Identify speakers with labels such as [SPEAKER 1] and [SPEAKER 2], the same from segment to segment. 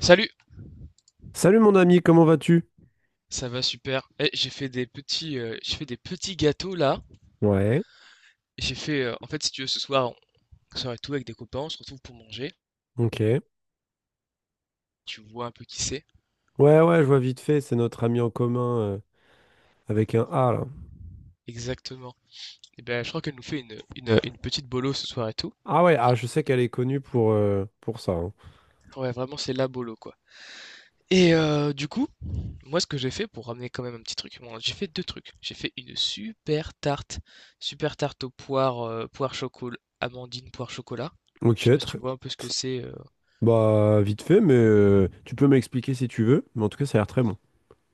[SPEAKER 1] Salut,
[SPEAKER 2] Salut mon ami, comment vas-tu?
[SPEAKER 1] ça va super. Eh, j'ai fait j'ai fait des petits gâteaux là.
[SPEAKER 2] Ouais,
[SPEAKER 1] J'ai fait, en fait, si tu veux, ce soir, on sort et tout avec des copains, on se retrouve pour manger.
[SPEAKER 2] ok.
[SPEAKER 1] Tu vois un peu qui c'est.
[SPEAKER 2] Ouais, ouais, je vois vite fait, c'est notre ami en commun, avec un A là.
[SPEAKER 1] Exactement. Et ben, je crois qu'elle nous fait une petite bolo ce soir et tout.
[SPEAKER 2] Ah ouais, ah, je sais qu'elle est connue pour ça, hein.
[SPEAKER 1] Ouais, vraiment, c'est la bolo quoi. Et du coup, moi, ce que j'ai fait pour ramener quand même un petit truc, bon, j'ai fait deux trucs. J'ai fait une super tarte aux poires, poire chocolat, amandine, poire chocolat. Je
[SPEAKER 2] Ok,
[SPEAKER 1] sais pas si
[SPEAKER 2] tr-
[SPEAKER 1] tu vois un peu ce que c'est.
[SPEAKER 2] Bah vite fait, mais tu peux m'expliquer si tu veux, mais en tout cas ça a l'air très bon.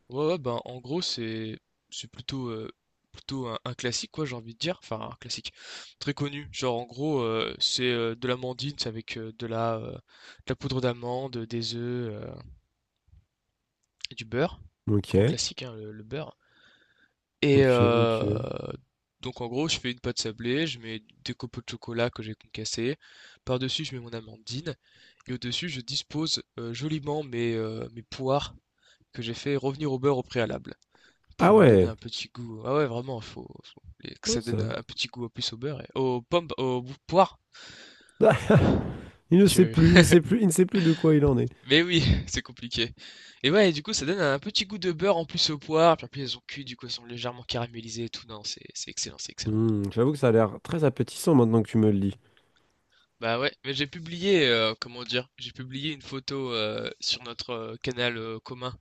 [SPEAKER 1] Ouais, ouais, ben, en gros, c'est plutôt plutôt un classique quoi, j'ai envie de dire, enfin un classique très connu. Genre en gros, c'est de l'amandine, c'est avec de la poudre d'amande, des œufs et du beurre. Grand
[SPEAKER 2] Ok,
[SPEAKER 1] classique hein, le beurre. Et
[SPEAKER 2] ok, ok.
[SPEAKER 1] donc en gros, je fais une pâte sablée, je mets des copeaux de chocolat que j'ai concassés. Par-dessus, je mets mon amandine et au-dessus, je dispose joliment mes poires que j'ai fait revenir au beurre au préalable.
[SPEAKER 2] Ah
[SPEAKER 1] Pour leur donner
[SPEAKER 2] ouais,
[SPEAKER 1] un petit goût. Ah ouais, vraiment, que
[SPEAKER 2] ouais,
[SPEAKER 1] ça
[SPEAKER 2] ça...
[SPEAKER 1] donne un petit goût en plus au beurre et aux pommes, aux poires.
[SPEAKER 2] Ah, il ne sait
[SPEAKER 1] Je-
[SPEAKER 2] plus, il ne sait plus, il ne sait plus de quoi il en est.
[SPEAKER 1] Mais oui, c'est compliqué. Et ouais, et du coup, ça donne un petit goût de beurre en plus aux poires. Puis en plus, elles ont cuit, du coup, elles sont légèrement caramélisées et tout. Non, c'est excellent, c'est excellent.
[SPEAKER 2] Hmm, j'avoue que ça a l'air très appétissant maintenant que tu me le dis.
[SPEAKER 1] Bah ouais, mais j'ai publié, comment dire, j'ai publié une photo sur notre canal commun.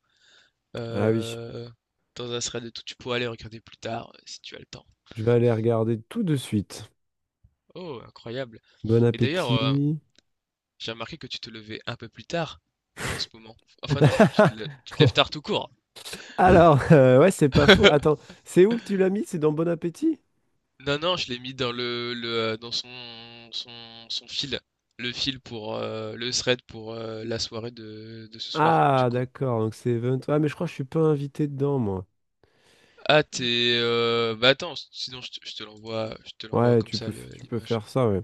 [SPEAKER 2] Ah oui,
[SPEAKER 1] Euh, Dans un thread de tout, tu pourras aller regarder plus tard si tu as le temps.
[SPEAKER 2] je vais aller regarder tout de suite.
[SPEAKER 1] Oh, incroyable.
[SPEAKER 2] Bon
[SPEAKER 1] Et d'ailleurs,
[SPEAKER 2] appétit.
[SPEAKER 1] j'ai remarqué que tu te levais un peu plus tard en ce moment. Enfin non, tu te lèves tard tout court.
[SPEAKER 2] Alors, ouais, c'est pas faux. Attends, c'est où que tu l'as mis? C'est dans Bon Appétit?
[SPEAKER 1] Non, non, je l'ai mis dans dans son fil. Le fil pour le thread pour la soirée de ce soir, du
[SPEAKER 2] Ah,
[SPEAKER 1] coup.
[SPEAKER 2] d'accord, donc c'est Event. Ouais, mais je crois que je suis pas invité dedans, moi.
[SPEAKER 1] Ah, t'es. Bah attends, sinon je te l'envoie, je te l'envoie
[SPEAKER 2] Ouais,
[SPEAKER 1] comme
[SPEAKER 2] tu
[SPEAKER 1] ça
[SPEAKER 2] peux, tu peux
[SPEAKER 1] l'image.
[SPEAKER 2] faire ça, ouais.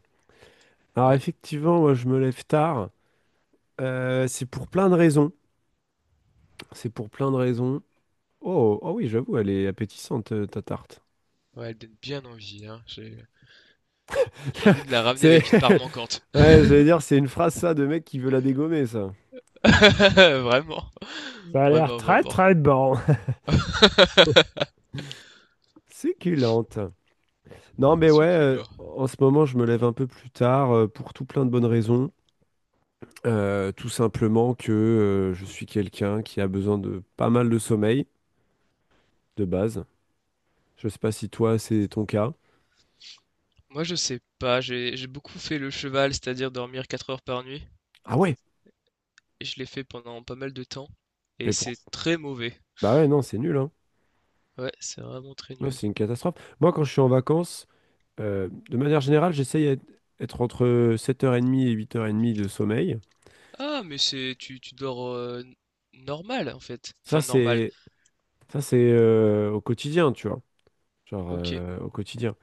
[SPEAKER 2] Alors,
[SPEAKER 1] Ouais,
[SPEAKER 2] effectivement, moi, je me lève tard. C'est pour plein de raisons. C'est pour plein de raisons. Oh, oh oui, j'avoue, elle est appétissante, ta tarte.
[SPEAKER 1] ouais, elle donne bien envie, hein. J'ai envie de la ramener
[SPEAKER 2] C'est...
[SPEAKER 1] avec une part manquante.
[SPEAKER 2] Ouais, j'allais dire, c'est une phrase, ça, de mec qui veut la dégommer, ça.
[SPEAKER 1] Vraiment,
[SPEAKER 2] Ça a l'air
[SPEAKER 1] vraiment,
[SPEAKER 2] très
[SPEAKER 1] vraiment.
[SPEAKER 2] très bon. Succulente. Non, mais ouais,
[SPEAKER 1] Succulent.
[SPEAKER 2] en ce moment, je me lève un peu plus tard pour tout plein de bonnes raisons. Tout simplement que je suis quelqu'un qui a besoin de pas mal de sommeil, de base. Je sais pas si toi, c'est ton cas.
[SPEAKER 1] Moi, je sais pas, j'ai beaucoup fait le cheval, c'est-à-dire dormir 4 heures par nuit,
[SPEAKER 2] Ah ouais?
[SPEAKER 1] et je l'ai fait pendant pas mal de temps, et
[SPEAKER 2] Mais pour...
[SPEAKER 1] c'est très mauvais.
[SPEAKER 2] Bah ouais, non, c'est nul, hein.
[SPEAKER 1] Ouais, c'est vraiment très
[SPEAKER 2] Non,
[SPEAKER 1] nul.
[SPEAKER 2] c'est une catastrophe. Moi, quand je suis en vacances, de manière générale, j'essaye d'être être entre 7h30 et 8h30 de sommeil.
[SPEAKER 1] Ah, mais tu dors normal en fait.
[SPEAKER 2] Ça,
[SPEAKER 1] Enfin normal.
[SPEAKER 2] c'est ça, c'est au quotidien, tu vois. Genre,
[SPEAKER 1] OK.
[SPEAKER 2] au quotidien.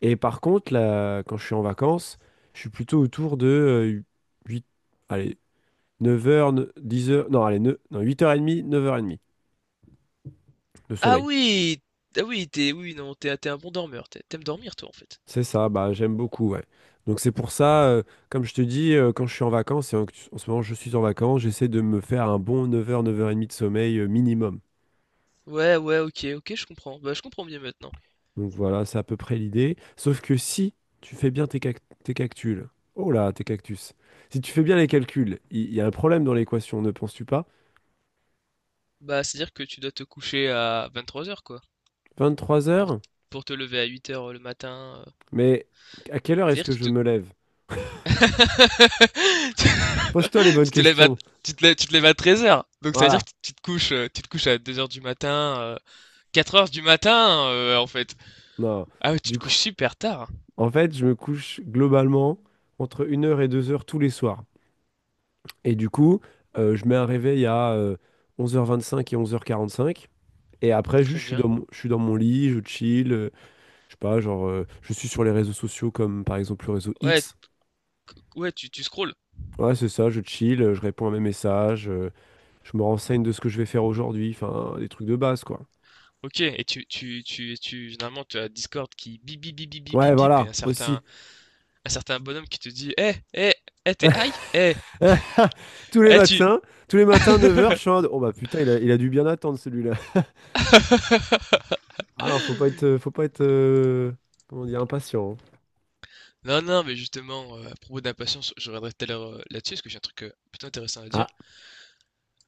[SPEAKER 2] Et par contre, là, quand je suis en vacances, je suis plutôt autour de 8, allez, neuf heures, dix heures. Non, allez, 9, non, 8h30, 9h30 de
[SPEAKER 1] Ah
[SPEAKER 2] sommeil.
[SPEAKER 1] oui, ah oui, t'es oui non, t'es un bon dormeur. T'aimes dormir toi en fait.
[SPEAKER 2] C'est ça, bah, j'aime beaucoup, ouais. Donc c'est pour ça, comme je te dis, quand je suis en vacances, en ce moment je suis en vacances, j'essaie de me faire un bon 9h, 9h30 de sommeil minimum.
[SPEAKER 1] Ouais, ouais, OK, OK, je comprends. Bah je comprends bien maintenant.
[SPEAKER 2] Donc voilà, c'est à peu près l'idée. Sauf que si tu fais bien tes, tes cactus, oh là, tes cactus, si tu fais bien les calculs, il y a un problème dans l'équation, ne penses-tu pas?
[SPEAKER 1] Bah, c'est-à-dire que tu dois te coucher à 23 heures quoi
[SPEAKER 2] Vingt-trois
[SPEAKER 1] pour
[SPEAKER 2] heures.
[SPEAKER 1] pour te lever à 8 heures le matin.
[SPEAKER 2] Mais à quelle heure est-ce
[SPEAKER 1] C'est-à-dire
[SPEAKER 2] que
[SPEAKER 1] que
[SPEAKER 2] je
[SPEAKER 1] tu te
[SPEAKER 2] me lève? Pose-toi les bonnes
[SPEAKER 1] Tu te lèves à,
[SPEAKER 2] questions.
[SPEAKER 1] tu te lèves à 13 heures. Donc ça veut dire
[SPEAKER 2] Voilà.
[SPEAKER 1] que tu te couches à 2 heures du matin, 4h du matin, en fait.
[SPEAKER 2] Non.
[SPEAKER 1] Ah ouais, tu te
[SPEAKER 2] Du coup,
[SPEAKER 1] couches super tard. Hein.
[SPEAKER 2] en fait, je me couche globalement entre 1 heure et 2 heures tous les soirs. Et du coup, je mets un réveil à 11h25 et 11h45. Et après,
[SPEAKER 1] Très
[SPEAKER 2] juste,
[SPEAKER 1] bien.
[SPEAKER 2] je suis dans mon lit, je chill. Je sais pas, genre, je suis sur les réseaux sociaux comme par exemple le réseau
[SPEAKER 1] Ouais,
[SPEAKER 2] X.
[SPEAKER 1] ouais, tu scrolles.
[SPEAKER 2] Ouais, c'est ça, je chill, je réponds à mes messages, je me renseigne de ce que je vais faire aujourd'hui. Enfin, des trucs de base, quoi.
[SPEAKER 1] Ok, et généralement, tu as Discord qui bip, bip, bip, bip, bip,
[SPEAKER 2] Ouais,
[SPEAKER 1] bip, bip, et
[SPEAKER 2] voilà,
[SPEAKER 1] un
[SPEAKER 2] aussi.
[SPEAKER 1] certain, un certain bonhomme qui te dit, eh, eh, eh, t'es high? Eh,
[SPEAKER 2] Tous les
[SPEAKER 1] eh, tu...
[SPEAKER 2] matins, tous les matins, 9h, je suis en mode, oh bah putain, il a dû bien attendre celui-là. Ah non, faut pas être, comment dire, impatient, hein.
[SPEAKER 1] Non, non, mais justement, à propos d'impatience, je reviendrai tout à l'heure là-dessus, parce que j'ai un truc plutôt intéressant à dire.
[SPEAKER 2] Ah,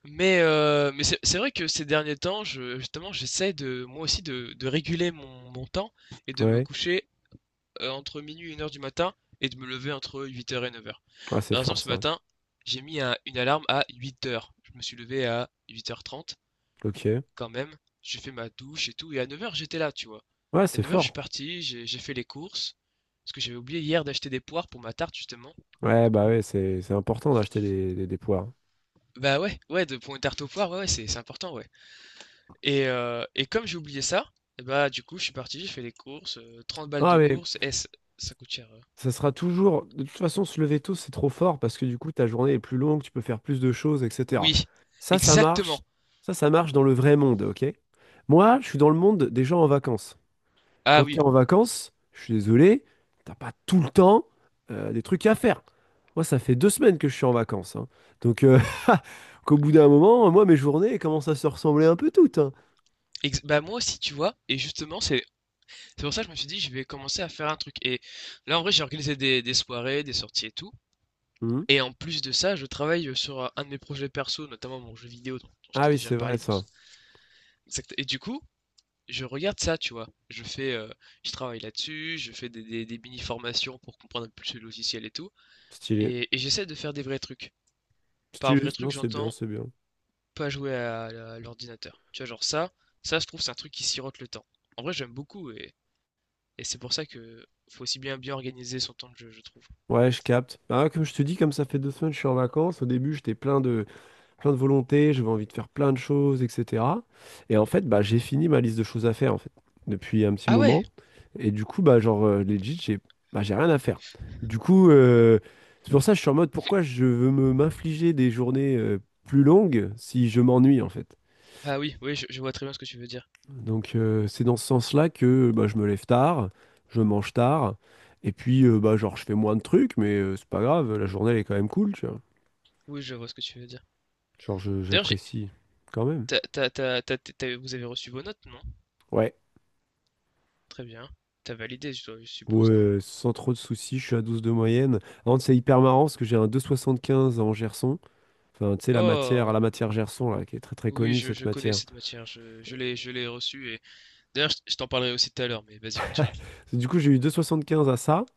[SPEAKER 1] Mais c'est vrai que ces derniers temps, justement, j'essaie de moi aussi de réguler mon temps et de me
[SPEAKER 2] ouais.
[SPEAKER 1] coucher entre minuit et 1 heure du matin et de me lever entre 8 heures et 9 heures.
[SPEAKER 2] Ah, c'est
[SPEAKER 1] Par exemple,
[SPEAKER 2] fort
[SPEAKER 1] ce
[SPEAKER 2] ça.
[SPEAKER 1] matin, j'ai mis une alarme à 8 heures. Je me suis levé à 8h30,
[SPEAKER 2] Ok.
[SPEAKER 1] quand même. J'ai fait ma douche et tout. Et à 9 heures, j'étais là, tu vois.
[SPEAKER 2] Ouais,
[SPEAKER 1] Et à
[SPEAKER 2] c'est
[SPEAKER 1] 9 heures, je suis
[SPEAKER 2] fort.
[SPEAKER 1] parti, j'ai fait les courses. Parce que j'avais oublié hier d'acheter des poires pour ma tarte, justement.
[SPEAKER 2] Ouais, bah ouais, c'est important d'acheter des poires.
[SPEAKER 1] Bah ouais, ouais, pour une tarte aux poires, ouais, ouais, c'est important, ouais. Et comme j'ai oublié ça, et bah, du coup, je suis parti, j'ai fait les courses, 30 balles
[SPEAKER 2] Ah,
[SPEAKER 1] de
[SPEAKER 2] mais
[SPEAKER 1] courses. Eh, ç ça coûte cher,
[SPEAKER 2] ça sera toujours, de toute façon, se lever tôt, c'est trop fort parce que du coup, ta journée est plus longue, tu peux faire plus de choses, etc.
[SPEAKER 1] oui,
[SPEAKER 2] Ça marche.
[SPEAKER 1] exactement.
[SPEAKER 2] Ça marche dans le vrai monde, ok? Moi, je suis dans le monde des gens en vacances.
[SPEAKER 1] Ah
[SPEAKER 2] Quand
[SPEAKER 1] oui,
[SPEAKER 2] tu es en vacances, je suis désolé, t'as pas tout le temps des trucs à faire. Moi, ça fait 2 semaines que je suis en vacances, hein. Donc, qu'au bout d'un moment, moi, mes journées elles commencent à se ressembler un peu toutes, hein.
[SPEAKER 1] ex bah, moi aussi, tu vois? Et justement, c'est pour ça que je me suis dit: «Je vais commencer à faire un truc» et là, en vrai, j'ai organisé des soirées, des sorties et tout
[SPEAKER 2] Mhm.
[SPEAKER 1] et en plus de ça, je travaille, sur, un de mes projets perso, notamment mon jeu vidéo dont je
[SPEAKER 2] Ah
[SPEAKER 1] t'ai
[SPEAKER 2] oui,
[SPEAKER 1] déjà
[SPEAKER 2] c'est vrai,
[SPEAKER 1] parlé dans
[SPEAKER 2] ça.
[SPEAKER 1] ce exact et du coup, je regarde ça, tu vois? Je travaille là-dessus, je fais des mini formations pour comprendre un peu plus le logiciel et tout.
[SPEAKER 2] Stylé.
[SPEAKER 1] Et j'essaie de faire des vrais trucs. Par
[SPEAKER 2] Stylé,
[SPEAKER 1] vrai truc,
[SPEAKER 2] non, c'est bien,
[SPEAKER 1] j'entends
[SPEAKER 2] c'est bien.
[SPEAKER 1] pas jouer à l'ordinateur. Tu vois, genre je trouve, c'est un truc qui sirote le temps. En vrai, j'aime beaucoup et c'est pour ça que faut aussi bien bien organiser son temps de jeu, je trouve.
[SPEAKER 2] Ouais, je capte. Ah, comme je te dis, comme ça fait deux semaines que je suis en vacances. Au début, plein de volonté, j'avais envie de faire plein de choses, etc. Et en fait, bah, j'ai fini ma liste de choses à faire, en fait, depuis un petit
[SPEAKER 1] Ah ouais!
[SPEAKER 2] moment. Et du coup, bah, genre, legit, j'ai bah, j'ai rien à faire. Du coup, c'est pour ça que je suis en mode, pourquoi je veux me m'infliger des journées plus longues si je m'ennuie, en fait?
[SPEAKER 1] Ah oui, oui, je vois très bien ce que tu veux dire.
[SPEAKER 2] Donc c'est dans ce sens-là que bah, je me lève tard, je mange tard, et puis bah, genre je fais moins de trucs, mais c'est pas grave, la journée elle est quand même cool, tu vois.
[SPEAKER 1] Oui, je vois ce que tu veux dire. D'ailleurs, j'ai,
[SPEAKER 2] J'apprécie quand même.
[SPEAKER 1] t'as- t'as- t'as- t'as- t'as- vous avez reçu vos notes, non?
[SPEAKER 2] Ouais.
[SPEAKER 1] Très bien. T'as validé, je suppose, non?
[SPEAKER 2] Ouais, sans trop de soucis, je suis à 12 de moyenne. Par contre, c'est hyper marrant parce que j'ai un 2,75 en Gerson. Enfin, tu sais,
[SPEAKER 1] Oh!
[SPEAKER 2] la matière Gerson, là, qui est très très
[SPEAKER 1] Oui,
[SPEAKER 2] connue,
[SPEAKER 1] je,
[SPEAKER 2] cette
[SPEAKER 1] je connais
[SPEAKER 2] matière.
[SPEAKER 1] cette matière, je l'ai reçue et d'ailleurs, je t'en parlerai aussi tout à l'heure, mais vas-y, continue.
[SPEAKER 2] Du coup, j'ai eu 2,75 à ça,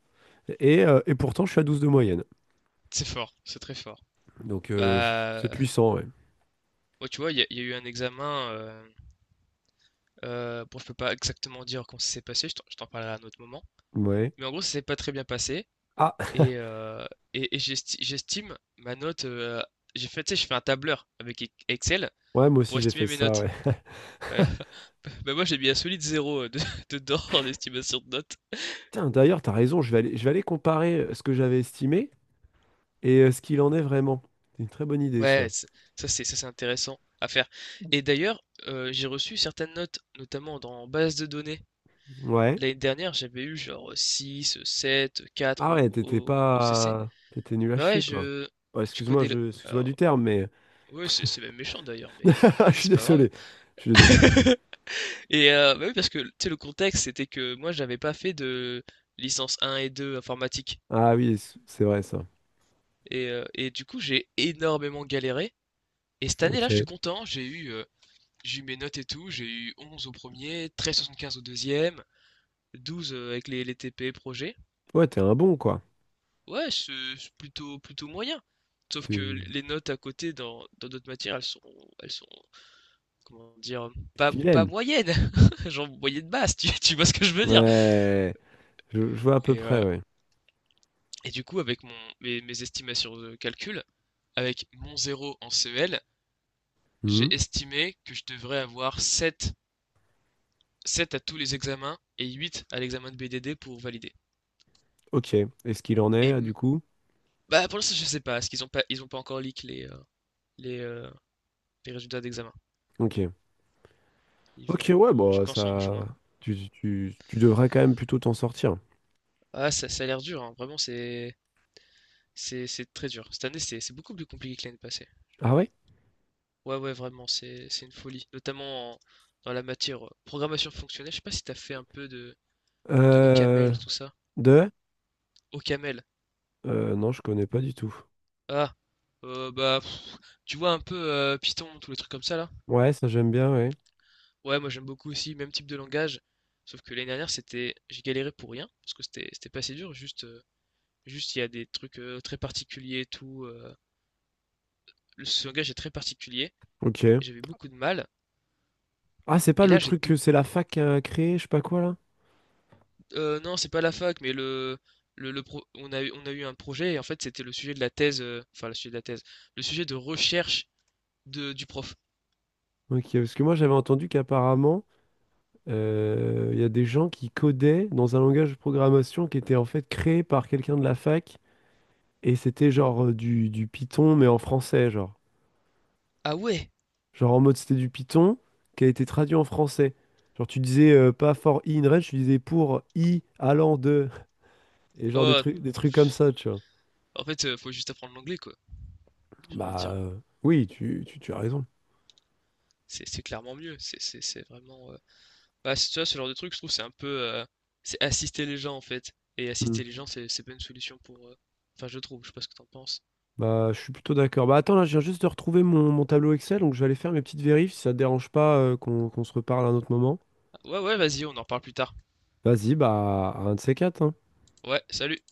[SPEAKER 2] et pourtant, je suis à 12 de moyenne.
[SPEAKER 1] C'est fort, c'est très fort.
[SPEAKER 2] Donc, c'est
[SPEAKER 1] Bah,
[SPEAKER 2] puissant, ouais.
[SPEAKER 1] ouais, tu vois, il y a eu un examen. Bon, je peux pas exactement dire comment ça s'est passé, je t'en parlerai à un autre moment.
[SPEAKER 2] Ouais.
[SPEAKER 1] Mais en gros, ça s'est pas très bien passé.
[SPEAKER 2] Ah,
[SPEAKER 1] Et, euh, J'estime ma note. J'ai fait, tu sais, je fais un tableur avec Excel
[SPEAKER 2] ouais, moi
[SPEAKER 1] pour
[SPEAKER 2] aussi, j'ai
[SPEAKER 1] estimer
[SPEAKER 2] fait
[SPEAKER 1] mes
[SPEAKER 2] ça,
[SPEAKER 1] notes.
[SPEAKER 2] ouais.
[SPEAKER 1] Voilà. Bah, moi, j'ai mis un solide zéro dedans en estimation de notes.
[SPEAKER 2] Tiens, d'ailleurs, t'as raison, je vais aller comparer ce que j'avais estimé et ce qu'il en est vraiment. C'est une très bonne idée,
[SPEAKER 1] Ouais,
[SPEAKER 2] ça.
[SPEAKER 1] ça, c'est intéressant à faire. Et d'ailleurs, j'ai reçu certaines notes, notamment dans base de données.
[SPEAKER 2] Ouais.
[SPEAKER 1] L'année dernière, j'avais eu genre 6 7 4
[SPEAKER 2] Ah
[SPEAKER 1] au,
[SPEAKER 2] ouais, t'étais
[SPEAKER 1] au, au CC.
[SPEAKER 2] pas... T'étais nul à
[SPEAKER 1] Bah ouais,
[SPEAKER 2] chier, quoi.
[SPEAKER 1] je
[SPEAKER 2] Oh,
[SPEAKER 1] tu
[SPEAKER 2] excuse-moi,
[SPEAKER 1] connais le
[SPEAKER 2] je... excuse-moi du
[SPEAKER 1] alors,
[SPEAKER 2] terme, mais...
[SPEAKER 1] ouais, c'est même méchant d'ailleurs, mais
[SPEAKER 2] Je
[SPEAKER 1] vas-y,
[SPEAKER 2] suis
[SPEAKER 1] c'est pas grave.
[SPEAKER 2] désolé. Je suis désolé.
[SPEAKER 1] Et bah oui, parce que tu sais, le contexte, c'était que moi, j'avais pas fait de licence un et 2 informatique
[SPEAKER 2] Ah oui, c- c'est vrai, ça.
[SPEAKER 1] et du coup, j'ai énormément galéré et cette année-là, je suis
[SPEAKER 2] Ok.
[SPEAKER 1] content, j'ai eu mes notes et tout, j'ai eu 11 au 1er, 13,75 au 2e, 12, avec les TP projets.
[SPEAKER 2] Ouais, t'es un bon, quoi.
[SPEAKER 1] Ouais, c'est plutôt plutôt moyen. Sauf que
[SPEAKER 2] Tu...
[SPEAKER 1] les notes à côté dans d'autres matières, elles sont comment dire, pas
[SPEAKER 2] Vilaine.
[SPEAKER 1] moyenne, genre moyenne basse, tu vois ce que je veux dire.
[SPEAKER 2] Ouais. Je vois à peu
[SPEAKER 1] Et,
[SPEAKER 2] près,
[SPEAKER 1] euh,
[SPEAKER 2] ouais.
[SPEAKER 1] et du coup, avec mes estimations de calcul, avec mon zéro en CEL,
[SPEAKER 2] Mhm.
[SPEAKER 1] j'ai estimé que je devrais avoir sept à tous les examens et 8 à l'examen de BDD pour valider.
[SPEAKER 2] Ok. Et ce qu'il en est,
[SPEAKER 1] Et
[SPEAKER 2] du coup?
[SPEAKER 1] bah, pour l'instant, je sais pas, parce qu'ils ont pas encore leak les, euh, les résultats d'examen.
[SPEAKER 2] Ok.
[SPEAKER 1] Ils vont,
[SPEAKER 2] Ok, ouais,
[SPEAKER 1] je
[SPEAKER 2] bon,
[SPEAKER 1] pense, en
[SPEAKER 2] ça...
[SPEAKER 1] juin.
[SPEAKER 2] Tu devrais quand même plutôt t'en sortir.
[SPEAKER 1] Ah, ça a l'air dur, hein. Vraiment, c'est très dur. Cette année, c'est beaucoup plus compliqué que l'année passée.
[SPEAKER 2] Ah ouais?
[SPEAKER 1] Ouais, ouais, vraiment, c'est une folie, notamment dans la matière programmation fonctionnelle. Je sais pas si t'as fait un peu de
[SPEAKER 2] Euh,
[SPEAKER 1] OCaml, tout ça.
[SPEAKER 2] de?
[SPEAKER 1] OCaml.
[SPEAKER 2] Non, je connais pas du tout.
[SPEAKER 1] Ah, bah, pff, tu vois un peu Python, tous les trucs comme ça là.
[SPEAKER 2] Ouais, ça j'aime bien, ouais.
[SPEAKER 1] Ouais, moi j'aime beaucoup aussi, même type de langage. Sauf que l'année dernière, j'ai galéré pour rien, parce que c'était pas assez dur. Juste il y a des trucs très particuliers et tout. Ce langage est très particulier et
[SPEAKER 2] Ok.
[SPEAKER 1] j'avais beaucoup de mal.
[SPEAKER 2] Ah, c'est pas
[SPEAKER 1] Et
[SPEAKER 2] le
[SPEAKER 1] là, j'ai
[SPEAKER 2] truc
[SPEAKER 1] tout.
[SPEAKER 2] que c'est la fac qui a créé, je sais pas quoi là?
[SPEAKER 1] Non, c'est pas la fac, mais on a eu un projet et en fait c'était le sujet de la thèse, enfin le sujet de la thèse, le sujet de recherche du prof.
[SPEAKER 2] Ok, parce que moi j'avais entendu qu'apparemment, il y a des gens qui codaient dans un langage de programmation qui était en fait créé par quelqu'un de la fac, et c'était genre du Python, mais en français, genre.
[SPEAKER 1] Ah ouais?
[SPEAKER 2] Genre en mode c'était du Python qui a été traduit en français. Genre tu disais pas for i in range, tu disais pour i allant de, et genre
[SPEAKER 1] Oh,
[SPEAKER 2] des trucs comme
[SPEAKER 1] pff,
[SPEAKER 2] ça, tu vois.
[SPEAKER 1] en fait, faut juste apprendre l'anglais quoi. J'ai envie de
[SPEAKER 2] Bah
[SPEAKER 1] dire,
[SPEAKER 2] oui, tu as raison.
[SPEAKER 1] c'est clairement mieux. C'est vraiment, bah tu vois, ce genre de truc, je trouve, c'est un peu, c'est assister les gens en fait. Et
[SPEAKER 2] Hmm.
[SPEAKER 1] assister les gens, c'est pas une solution pour, enfin je trouve. Je sais pas ce que t'en penses.
[SPEAKER 2] Bah je suis plutôt d'accord. Bah attends, là, je viens juste de retrouver mon tableau Excel, donc je vais aller faire mes petites vérifs si ça te dérange pas qu'on se reparle à un autre moment.
[SPEAKER 1] Ah, ouais, ouais, vas-y, on en parle plus tard.
[SPEAKER 2] Vas-y, bah à un de ces quatre, hein.
[SPEAKER 1] Ouais, salut.